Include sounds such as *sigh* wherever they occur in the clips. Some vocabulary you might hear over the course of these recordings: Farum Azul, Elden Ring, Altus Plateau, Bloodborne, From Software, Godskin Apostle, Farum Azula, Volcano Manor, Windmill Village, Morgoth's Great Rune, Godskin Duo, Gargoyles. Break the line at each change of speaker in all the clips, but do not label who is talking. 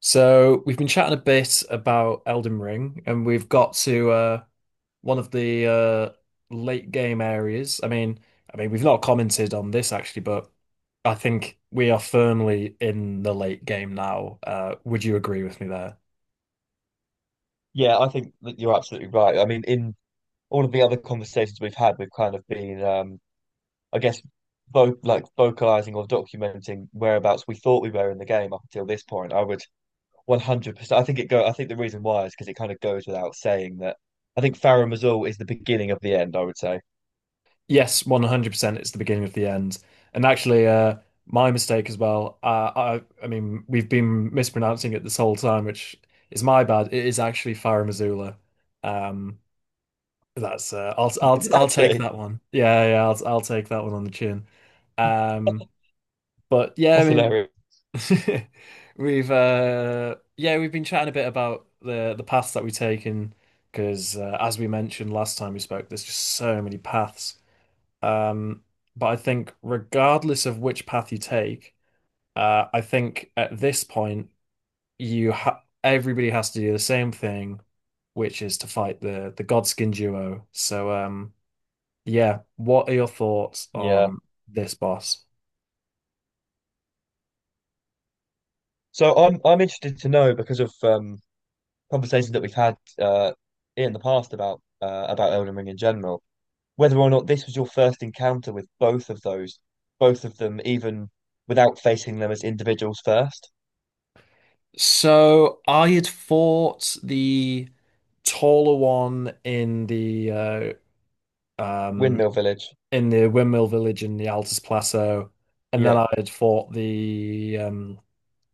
So we've been chatting a bit about Elden Ring, and we've got to one of the late game areas. I mean, we've not commented on this actually, but I think we are firmly in the late game now. Would you agree with me there?
Yeah, I think that you're absolutely right. I mean, in all of the other conversations we've had, we've kind of been, I guess, vo like vocalizing or documenting whereabouts we thought we were in the game up until this point. I would 100%. I think it go. I think the reason why is because it kind of goes without saying that I think Farum Azul is the beginning of the end. I would say
Yes, 100%. It's the beginning of the end. And actually, my mistake as well. I mean, we've been mispronouncing it this whole time, which is my bad. It is actually Farum Azula. Um, That's I'll I'll
*laughs*
I'll take
actually
that one. Yeah, yeah, I'll take that one on the chin. Um, but yeah, I
that's
mean,
hilarious.
*laughs* we've yeah, we've been chatting a bit about the paths that we take in because as we mentioned last time we spoke, there's just so many paths. Um, but I think regardless of which path you take, I think at this point you ha everybody has to do the same thing, which is to fight the Godskin duo. So. Yeah. What are your thoughts
Yeah.
on this boss?
So I'm interested to know because of conversations that we've had in the past about Elden Ring in general, whether or not this was your first encounter with both of those, both of them, even without facing them as individuals first.
So I had fought the taller one um
Windmill Village,
in the Windmill Village in the Altus Plateau, and then
yeah,
I had fought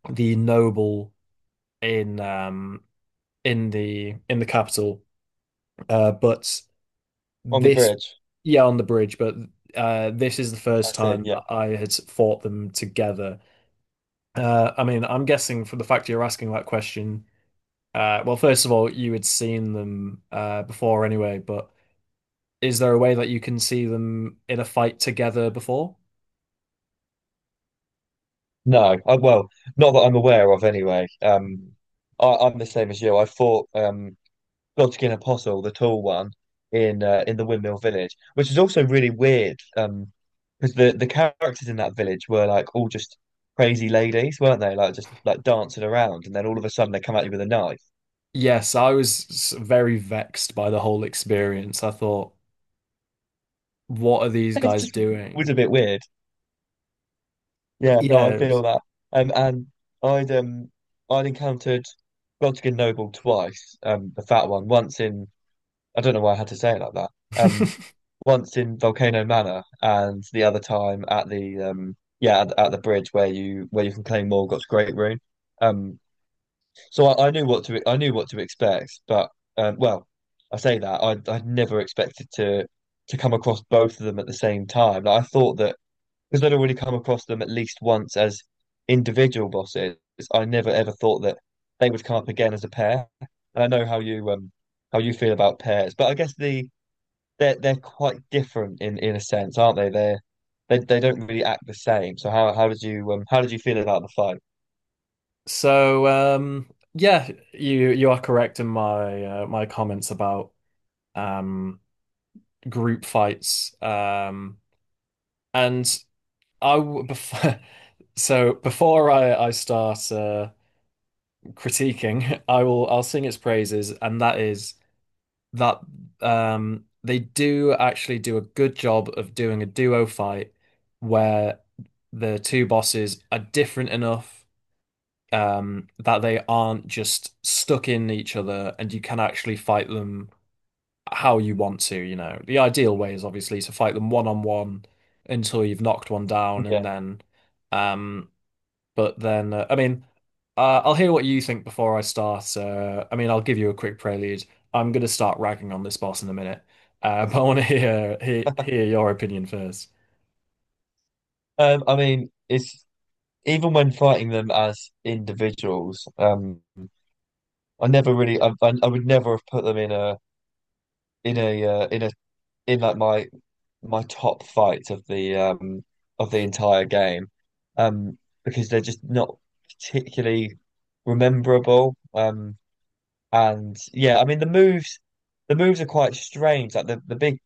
the noble in um in the capital. But
on the
this
bridge.
Yeah, on the bridge, but this is the
I
first
see,
time
yeah.
that I had fought them together. I mean, I'm guessing from the fact you're asking that question, well, first of all, you had seen them before anyway, but is there a way that you can see them in a fight together before?
No, I, well, not that I'm aware of anyway.
Mm-hmm.
I, I'm the same as you. I fought Godskin Apostle, the tall one, in the Windmill Village, which is also really weird because the characters in that village were like all just crazy ladies, weren't they? Like just like dancing around, and then all of a sudden they come at you with a knife.
Yes, I was very vexed by the whole experience. I thought, what are
*laughs*
these
It
guys
just was
doing?
a bit weird. Yeah, no,
Yeah.
I feel that. And I'd um I'd encountered Rodkin Noble twice. The fat one once in I don't know why I had to say it like that. Um,
*laughs*
once in Volcano Manor, and the other time at the at the bridge where you can claim Morgoth's Great Rune. Um, so I, I knew what to expect, but well, I say that I'd never expected to come across both of them at the same time. Like, I thought that because I'd already come across them at least once as individual bosses, I never ever thought that they would come up again as a pair. And I know how you feel about pairs, but I guess they're quite different in a sense, aren't they? They're they don't really act the same. So how did you feel about the fight?
So, yeah, you are correct in my my comments about um group fights. And I w- bef *laughs* so before I start critiquing, *laughs* I'll sing its praises, and that is that they do actually do a good job of doing a duo fight where the two bosses are different enough that they aren't just stuck in each other, and you can actually fight them how you want to, you know. The ideal way is obviously to fight them one on one until you've knocked one down, and
Yeah.
then. Um, I mean, I'll hear what you think before I start. I mean, I'll give you a quick prelude. I'm going to start ragging on this boss in a minute, *laughs* but I want to hear, hear
*laughs*
hear your opinion first.
I mean, it's even when fighting them as individuals, I never really, I would never have put them in a, in like my top fights of the entire game, um because they're just not particularly rememberable, and yeah, I mean the moves, the moves are quite strange, like the big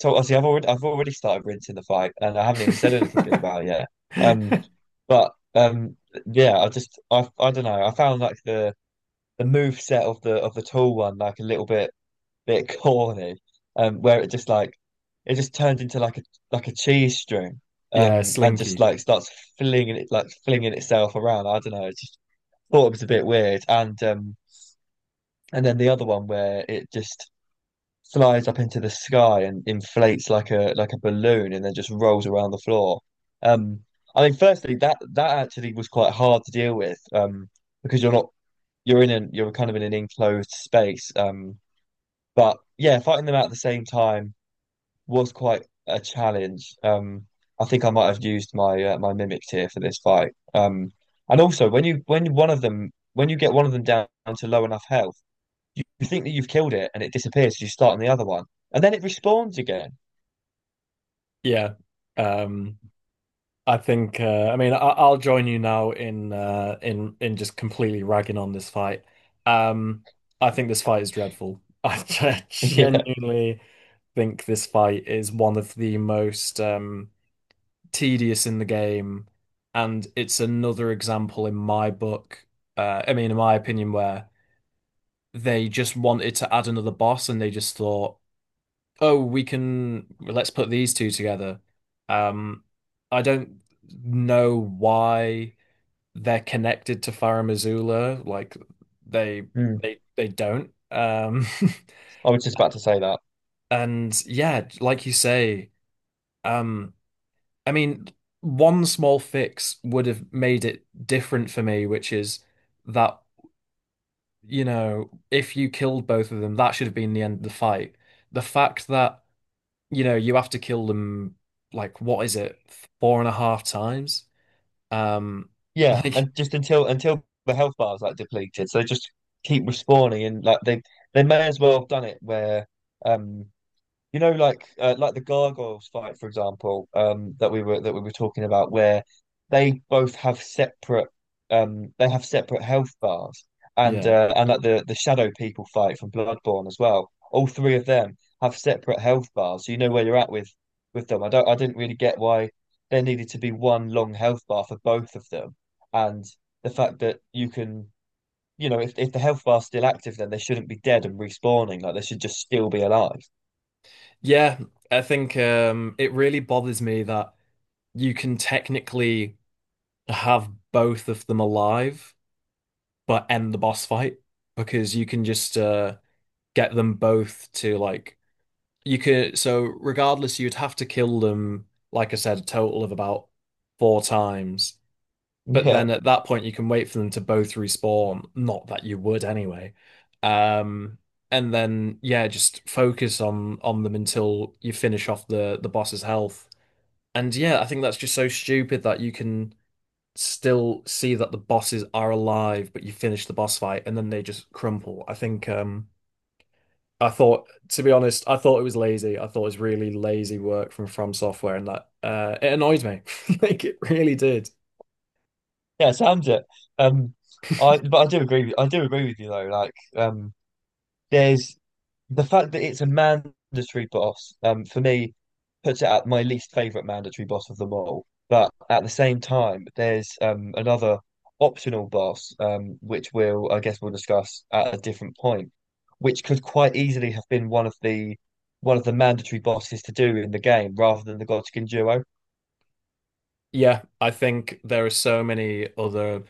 so obviously I've already started rinsing the fight, and I haven't even said anything good
*laughs*
about it yet. Um but Yeah, I just, I don't know, I found like the move set of the tall one like a little bit *laughs* corny, where it just like it just turns into like a cheese string,
Yeah,
and just
Slinky.
like starts flinging it, like flinging itself around. I don't know. I just thought it was a bit weird, and then the other one where it just flies up into the sky and inflates like a balloon, and then just rolls around the floor. Um, I mean, firstly, that that actually was quite hard to deal with, because you're not, you're in an, you're kind of in an enclosed space. But yeah, fighting them out at the same time was quite a challenge. I think I might have used my my mimic tier for this fight. And also when you, when you get one of them down to low enough health, you think that you've killed it and it disappears. So you start on the other one, and then it respawns again.
Yeah. Um, I think I mean I'll join you now in in just completely ragging on this fight. Um I think this fight is dreadful. *laughs* I
*laughs* Yeah.
genuinely think this fight is one of the most tedious in the game, and it's another example in my book, I mean, in my opinion, where they just wanted to add another boss and they just thought, oh, let's put these two together. Um, I don't know why they're connected to Farah Missoula, like they
Mm.
they don't.
I was just about to say that.
*laughs* And yeah, like you say, um. I mean, one small fix would have made it different for me, which is that, you know, if you killed both of them, that should have been the end of the fight. The fact that, you know, you have to kill them, like, what is it, four and a half times? Um, *laughs*
Yeah,
like,
and just until the health bar is like depleted, so they just keep respawning, and like they may as well have done it where, um, you know, like the Gargoyles fight, for example, that we were talking about, where they both have separate, they have separate health bars,
yeah.
and like the Shadow People fight from Bloodborne as well. All three of them have separate health bars, so you know where you're at with them. I don't, I didn't really get why there needed to be one long health bar for both of them, and the fact that you can, you know, if the health bar's still active, then they shouldn't be dead and respawning. Like they should just still be alive. *laughs*
Yeah, I think it really bothers me that you can technically have both of them alive, but end the boss fight because you can just get them both to like you could so regardless, you'd have to kill them, like I said, a total of about four times. But
Yeah.
then at that point you can wait for them to both respawn, not that you would anyway. um and then yeah, just focus on them until you finish off the boss's health. And yeah, I think that's just so stupid that you can still see that the bosses are alive but you finish the boss fight and then they just crumple. I think I thought, to be honest, I thought it was lazy. I thought it was really lazy work from Software, and that it annoyed me. *laughs* Like it really did.
Yeah, it sounds it. Um, I, but I do agree with I do agree with you though. Like, there's the fact that it's a mandatory boss. For me, puts it at my least favorite mandatory boss of them all. But at the same time, there's another optional boss, which we'll I guess we'll discuss at a different point, which could quite easily have been one of the mandatory bosses to do in the game rather than the Godskin duo.
Yeah, I think there are so many other.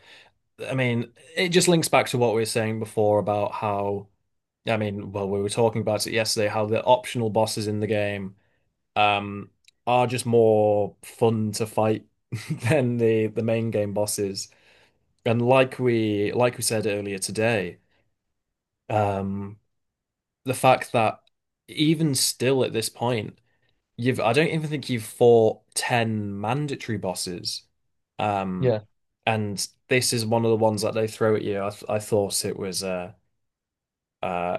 I mean, it just links back to what we were saying before about how. I mean, well, we were talking about it yesterday. How the optional bosses in the game um, are just more fun to fight *laughs* than the main game bosses. And like we said earlier today. Um, the fact that even still at this point, you've I don't even think you've fought 10 mandatory bosses. Um,
Yeah,
and this is one of the ones that they throw at you. I thought it was uh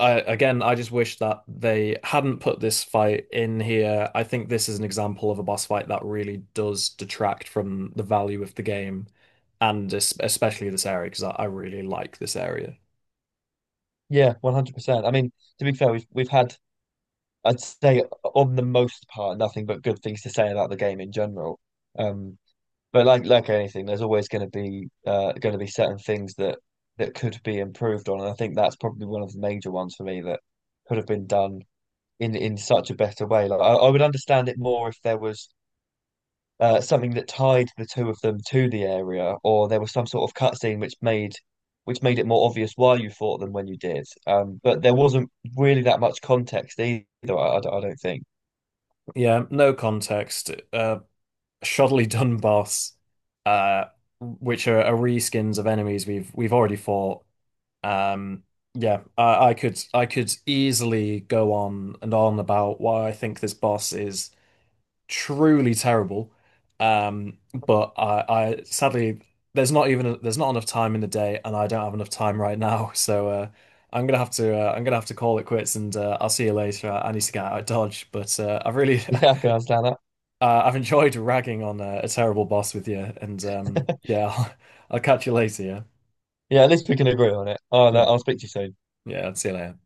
I again I just wish that they hadn't put this fight in here. I think this is an example of a boss fight that really does detract from the value of the game, and es especially this area because I really like this area.
yeah, 100%. I mean, to be fair, we've had, I'd say, on the most part, nothing but good things to say about the game in general. Um, but like anything, there's always going to be certain things that that could be improved on, and I think that's probably one of the major ones for me that could have been done in such a better way. Like I would understand it more if there was something that tied the two of them to the area, or there was some sort of cutscene which made it more obvious why you fought them when you did. But there wasn't really that much context either. I don't think.
Yeah, no context. Shoddily done boss, uh, which are reskins of enemies we've already fought. Um, yeah, I could easily go on and on about why I think this boss is truly terrible. Um, but I, I sadly there's not enough time in the day, and I don't have enough time right now. *laughs* So I'm gonna have to call it quits, and I'll see you later. I need to get out of Dodge, but I've really
*laughs* Yeah,
*laughs*
I can understand
I've enjoyed ragging on a terrible boss with you, and
that. *laughs*
yeah, *laughs* I'll catch you later. Yeah.
Yeah, at least we can agree on it.
Hmm.
I'll speak to you soon.
Yeah, I'll see you later.